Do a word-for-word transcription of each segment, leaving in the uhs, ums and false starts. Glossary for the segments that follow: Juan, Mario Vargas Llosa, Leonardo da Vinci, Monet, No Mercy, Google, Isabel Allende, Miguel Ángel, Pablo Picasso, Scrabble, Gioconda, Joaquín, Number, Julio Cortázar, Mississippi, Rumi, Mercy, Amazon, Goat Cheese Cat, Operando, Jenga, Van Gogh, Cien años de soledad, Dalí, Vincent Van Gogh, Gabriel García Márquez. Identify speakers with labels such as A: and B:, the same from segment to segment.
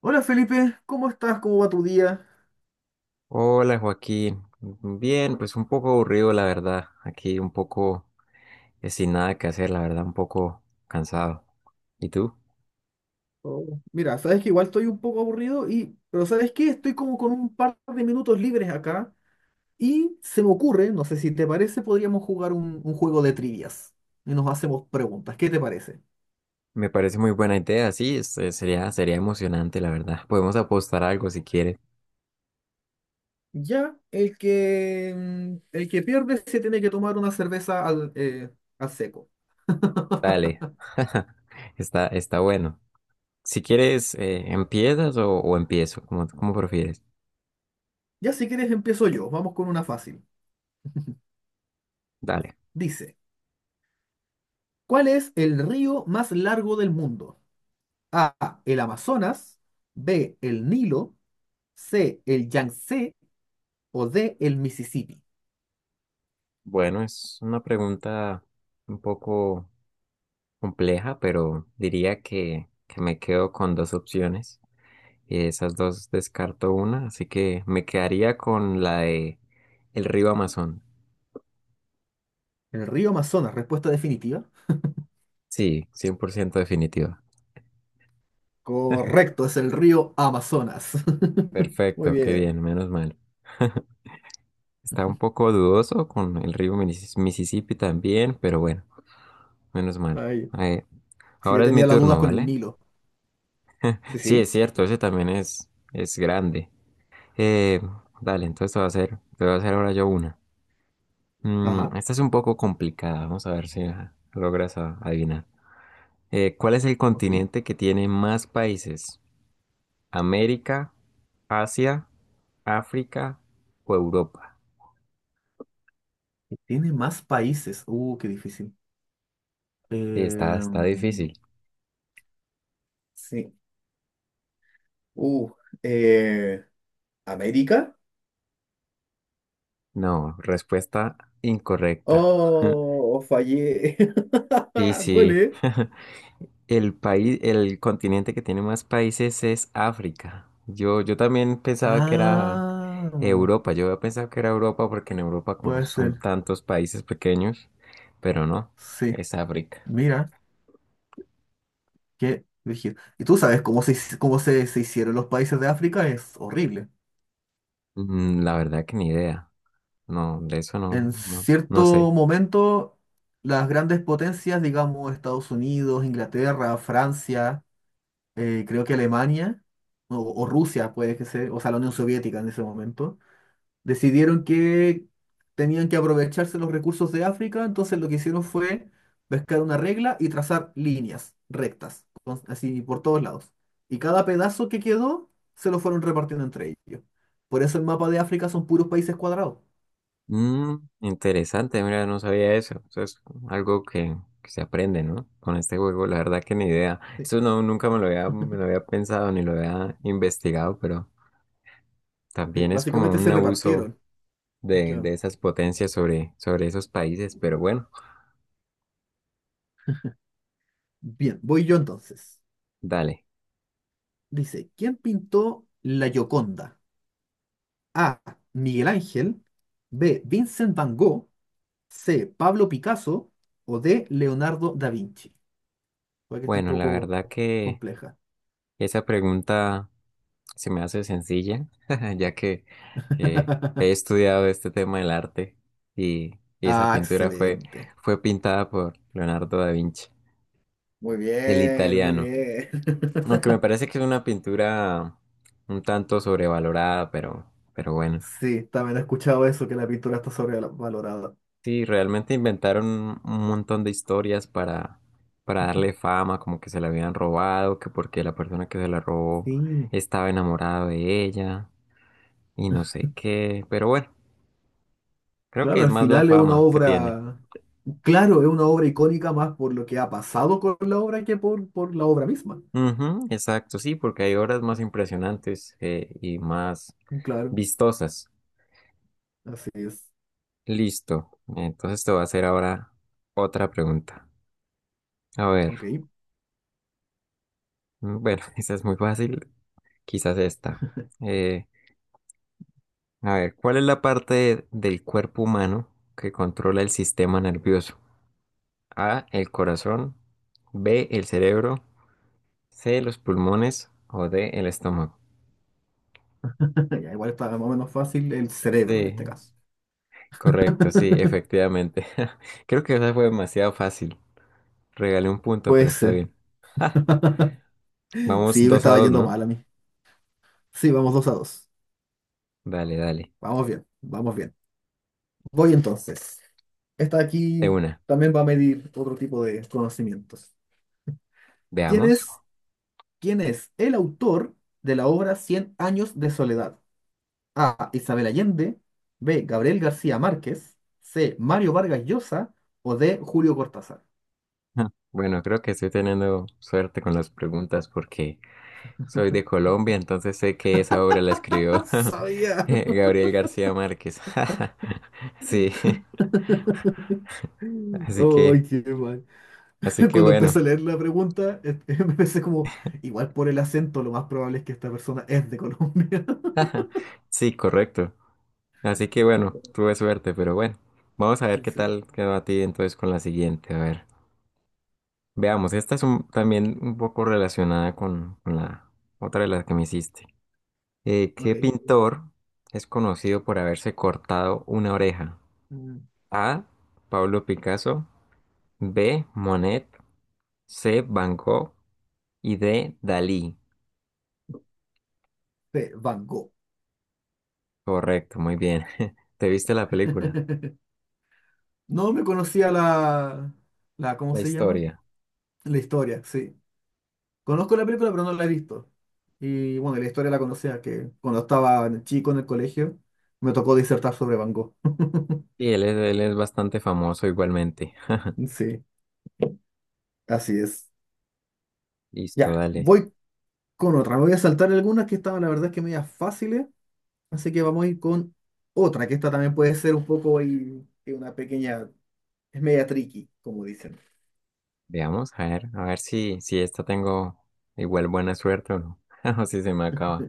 A: Hola Felipe, ¿cómo estás? ¿Cómo va tu día?
B: Hola Joaquín, bien, pues un poco aburrido la verdad, aquí un poco eh, sin nada que hacer, la verdad un poco cansado. ¿Y tú?
A: Oh, mira, sabes que igual estoy un poco aburrido y, pero ¿sabes qué? Estoy como con un par de minutos libres acá y se me ocurre, no sé si te parece, podríamos jugar un, un juego de trivias y nos hacemos preguntas. ¿Qué te parece?
B: Me parece muy buena idea, sí, este, sería, sería emocionante la verdad. Podemos apostar algo si quieres.
A: Ya, el que, mm, el que pierde se tiene que tomar una cerveza al, eh, al seco.
B: Dale, está, está bueno. Si quieres, eh, ¿empiezas o, o empiezo? Como, como prefieres.
A: Ya si quieres empiezo yo, vamos con una fácil.
B: Dale.
A: Dice, ¿cuál es el río más largo del mundo? A, el Amazonas; B, el Nilo; C, el Yangtze; o D, el Mississippi.
B: Bueno, es una pregunta un poco compleja, pero diría que, que me quedo con dos opciones. Y esas dos descarto una, así que me quedaría con la de el río Amazon.
A: El río Amazonas, respuesta definitiva.
B: Sí, cien por ciento definitiva.
A: Correcto, es el río Amazonas. Muy
B: Perfecto, qué
A: bien.
B: bien, menos mal. Está un poco dudoso con el río Minis- Mississippi también, pero bueno, menos mal.
A: Ay,
B: Eh,
A: sí, yo
B: Ahora es mi
A: tenía las dudas
B: turno,
A: con el
B: ¿vale?
A: Nilo. Sí,
B: Sí, es
A: sí.
B: cierto, ese también es, es grande. Eh, Dale, entonces te voy a hacer, te voy a hacer ahora yo una. Mm,
A: Ajá.
B: esta es un poco complicada, vamos a ver si la logras a- adivinar. Eh, ¿cuál es el
A: Ok. Y
B: continente que tiene más países? ¿América, Asia, África o Europa?
A: tiene más países. Uh, qué difícil.
B: Sí, está, está
A: Em,
B: difícil.
A: Sí. Uh, eh, ¿América?
B: No, respuesta incorrecta.
A: Oh, fallé.
B: Sí,
A: ¿Cuál
B: sí.
A: es?
B: El país, el continente que tiene más países es África. Yo, yo también pensaba que era
A: Ah,
B: Europa. Yo había pensado que era Europa porque en Europa como
A: puede
B: son
A: ser.
B: tantos países pequeños, pero no,
A: Sí.
B: es África.
A: Mira. Qué brígido. Y tú sabes cómo se, hici- cómo se, se hicieron los países de África, es horrible.
B: Mm, La verdad que ni idea. No, de eso no,
A: En
B: no, no sé.
A: cierto momento, las grandes potencias, digamos Estados Unidos, Inglaterra, Francia, eh, creo que Alemania, o, o Rusia puede que sea, o sea, la Unión Soviética en ese momento, decidieron que tenían que aprovecharse los recursos de África, entonces lo que hicieron fue pescar una regla y trazar líneas rectas, con- así por todos lados. Y cada pedazo que quedó se lo fueron repartiendo entre ellos. Por eso el mapa de África son puros países cuadrados.
B: Mm, Interesante, mira, no sabía eso. Eso es algo que, que se aprende, ¿no? Con este juego, la verdad que ni idea.
A: Sí,
B: Eso no, nunca me lo había, me lo había pensado ni lo había investigado, pero
A: sí,
B: también es como
A: básicamente
B: un
A: se
B: abuso
A: repartieron.
B: de,
A: Claro.
B: de esas potencias sobre, sobre esos países. Pero bueno,
A: Bien, voy yo entonces.
B: dale.
A: Dice, ¿quién pintó la Gioconda? A, Miguel Ángel; B, Vincent Van Gogh; C, Pablo Picasso; o D, Leonardo da Vinci. Puede que esté un
B: Bueno, la
A: poco
B: verdad que
A: compleja.
B: esa pregunta se me hace sencilla, ya que eh, he estudiado este tema del arte y, y esa
A: Ah,
B: pintura fue,
A: excelente.
B: fue pintada por Leonardo da Vinci,
A: Muy
B: el
A: bien, muy
B: italiano.
A: bien.
B: Aunque me parece que es una pintura un tanto sobrevalorada, pero, pero bueno.
A: Sí, también he escuchado eso, que la pintura está sobrevalorada.
B: Sí, realmente inventaron un un montón de historias para, para darle fama, como que se la habían robado, que porque la persona que se la robó
A: Sí,
B: estaba enamorado de ella y no sé qué, pero bueno. Creo que
A: claro,
B: es
A: al
B: más la
A: final es una
B: fama que tiene.
A: obra, claro, es una obra icónica más por lo que ha pasado con la obra que por, por la obra misma.
B: Ujú, exacto, sí, porque hay obras más impresionantes eh, y más
A: Claro,
B: vistosas.
A: así es.
B: Listo. Entonces te voy a hacer ahora otra pregunta. A ver,
A: Ok.
B: mm, bueno, esa es muy fácil, quizás esta. Eh, a ver, ¿cuál es la parte del cuerpo humano que controla el sistema nervioso? A, el corazón; B, el cerebro; C, los pulmones; o D, el estómago.
A: Ya, igual está más o menos fácil el cerebro en este
B: Sí,
A: caso.
B: correcto, sí, efectivamente. Creo que esa fue demasiado fácil. Regalé un punto,
A: Puede
B: pero está
A: ser.
B: bien. Vamos
A: Sí, me
B: dos a
A: estaba
B: dos,
A: yendo
B: ¿no?
A: mal a mí. Sí, vamos dos a dos.
B: Dale, dale.
A: Vamos bien, vamos bien. Voy entonces. Esta
B: De
A: aquí
B: una.
A: también va a medir otro tipo de conocimientos. ¿Quién
B: Veamos.
A: es, quién es el autor de la obra Cien años de soledad? A, Isabel Allende; B, Gabriel García Márquez; C, Mario Vargas Llosa; o D, Julio Cortázar.
B: Ah, bueno, creo que estoy teniendo suerte con las preguntas porque soy de Colombia, entonces sé que esa obra la
A: ¡Ah,
B: escribió
A: sabía!
B: Gabriel García Márquez. Sí, así que,
A: ¡Ay, qué mal!
B: así que
A: Cuando empecé
B: bueno.
A: a leer la pregunta, eh, me pensé como, igual por el acento, lo más probable es que esta persona es de Colombia.
B: Sí, correcto. Así que bueno, tuve suerte, pero bueno. Vamos a ver qué
A: Sí,
B: tal quedó a ti entonces con la siguiente. A ver. Veamos, esta es un- también un poco relacionada con, con la otra de las que me hiciste. Eh, ¿qué
A: ok.
B: pintor es conocido por haberse cortado una oreja?
A: Mm,
B: A, Pablo Picasso; B, Monet; C, Van Gogh; y D, Dalí.
A: sí, Van Gogh.
B: Correcto, muy bien. ¿Te viste la película?
A: No me conocía la, la, ¿cómo
B: La
A: se llama?
B: historia.
A: La historia, sí. Conozco la película, pero no la he visto. Y bueno, la historia la conocía, que cuando estaba chico en el colegio, me tocó disertar sobre Van Gogh.
B: Sí, él es, él es bastante famoso igualmente.
A: Sí, así es.
B: Listo,
A: Ya,
B: dale.
A: voy con otra. Me voy a saltar algunas que estaban, la verdad, es que medias fáciles. Así que vamos a ir con otra, que esta también puede ser un poco y, y una pequeña, es media tricky, como dicen.
B: Veamos, a ver, a ver si, si esta tengo igual buena suerte o no. O si se me acaba.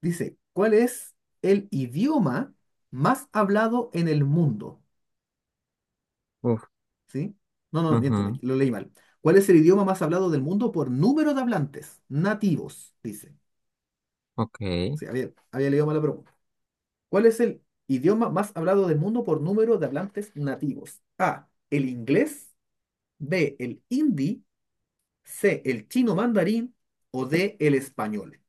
A: Dice, ¿cuál es el idioma más hablado en el mundo?
B: Uf.
A: ¿Sí? No, no, miento, me-
B: Ujú,
A: lo leí mal. ¿Cuál es el idioma más hablado del mundo por número de hablantes nativos? Dice.
B: ok,
A: Sí, había, había leído mal la pregunta. ¿Cuál es el idioma más hablado del mundo por número de hablantes nativos? A, el inglés; B, el hindi; C, el chino mandarín; o D, el español.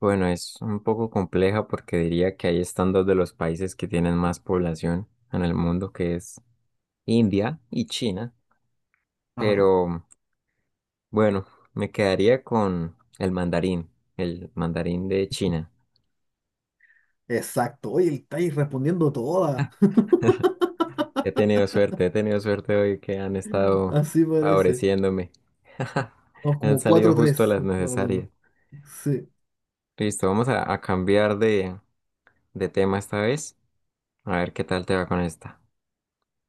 B: bueno, es un poco compleja porque diría que ahí están dos de los países que tienen más población en el mundo, que es India y China, pero
A: Ajá.
B: bueno, me quedaría con el mandarín, el mandarín de China.
A: Exacto. Oye, estáis respondiendo todas.
B: He tenido suerte, he tenido suerte hoy que han estado
A: Así parece.
B: favoreciéndome.
A: Vamos
B: Han
A: como
B: salido
A: 4
B: justo
A: tres
B: las
A: más o menos.
B: necesarias.
A: Sí.
B: Listo, vamos a, a cambiar de, de tema esta vez. A ver qué tal te va con esta.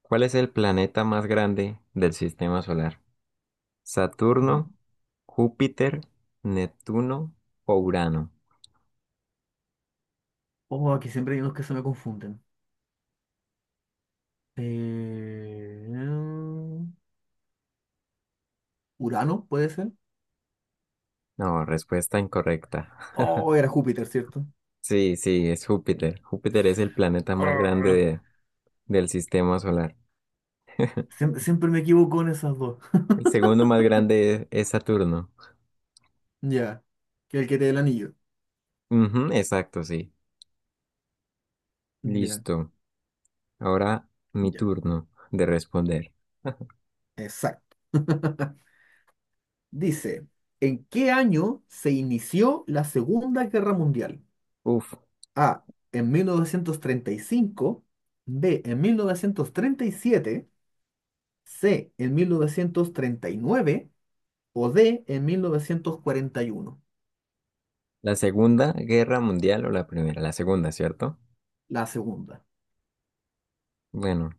B: ¿Cuál es el planeta más grande del sistema solar?
A: Ajá.
B: ¿Saturno, Júpiter, Neptuno o Urano?
A: Oh, aquí siempre hay unos que se me confunden. Eh, ¿Urano puede ser?
B: No, respuesta incorrecta.
A: Oh, era Júpiter, ¿cierto?
B: Sí, sí, es Júpiter. Júpiter es el planeta más grande
A: Ah,
B: de- del sistema solar.
A: siem- siempre me equivoco en esas dos.
B: El segundo más grande es, es Saturno.
A: Ya. Que el que te dé el anillo.
B: Ujú, exacto, sí.
A: Ya,
B: Listo. Ahora mi
A: ya.
B: turno de responder.
A: Exacto. Dice, ¿en qué año se inició la Segunda Guerra Mundial?
B: Uf,
A: A, en mil novecientos treinta y cinco; B, en mil novecientos treinta y siete; C, en mil novecientos treinta y nueve; o D, en mil novecientos cuarenta y uno.
B: ¿la Segunda Guerra Mundial o la primera? La segunda, ¿cierto?
A: La segunda.
B: Bueno,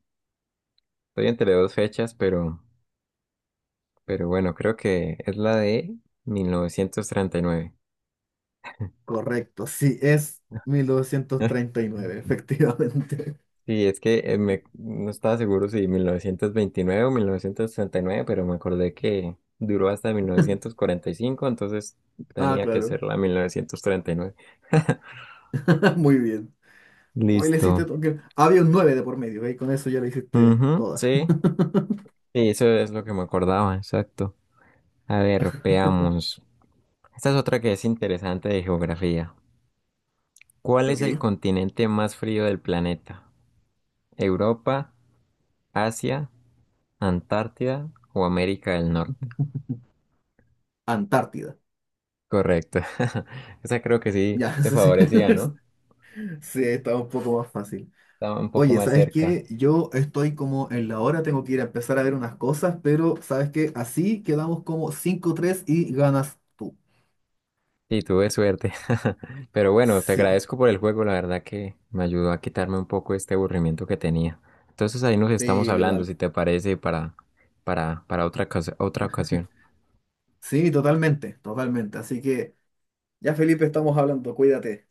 B: estoy entre dos fechas, pero Pero bueno, creo que es la de mil novecientos treinta y nueve.
A: Correcto, sí, es mil novecientos treinta y nueve, efectivamente.
B: Sí, es que eh, me, no estaba seguro si mil novecientos veintinueve o mil novecientos treinta y nueve, pero me acordé que duró hasta mil novecientos cuarenta y cinco, entonces
A: Ah,
B: tenía que
A: claro.
B: ser la mil novecientos treinta y nueve.
A: Muy bien. Hoy le hiciste...
B: Listo.
A: todo- Había un nueve de por medio, ¿ve? Con eso ya le hiciste
B: Ujú,
A: toda.
B: sí, sí, eso es lo que me acordaba, exacto. A ver, veamos. Esta es otra que es interesante de geografía. ¿Cuál es el
A: Ok.
B: continente más frío del planeta? ¿Europa, Asia, Antártida o América del Norte?
A: Antártida.
B: Correcto. Esa creo que sí
A: Ya,
B: te
A: sí, sí,
B: favorecía, ¿no?
A: sí, está un poco más fácil.
B: Estaba un poco
A: Oye,
B: más
A: ¿sabes
B: cerca.
A: qué? Yo estoy como en la hora, tengo que ir a empezar a ver unas cosas, pero ¿sabes qué? Así quedamos como cinco tres y ganas tú.
B: Y tuve suerte. Pero bueno, te
A: Sí,
B: agradezco por el juego. La verdad que me ayudó a quitarme un poco este aburrimiento que tenía. Entonces ahí nos estamos
A: sí,
B: hablando,
A: igual.
B: si te parece, para, para, para otra, ocas- otra ocasión.
A: Sí, totalmente, totalmente. Así que ya, Felipe, estamos hablando, cuídate.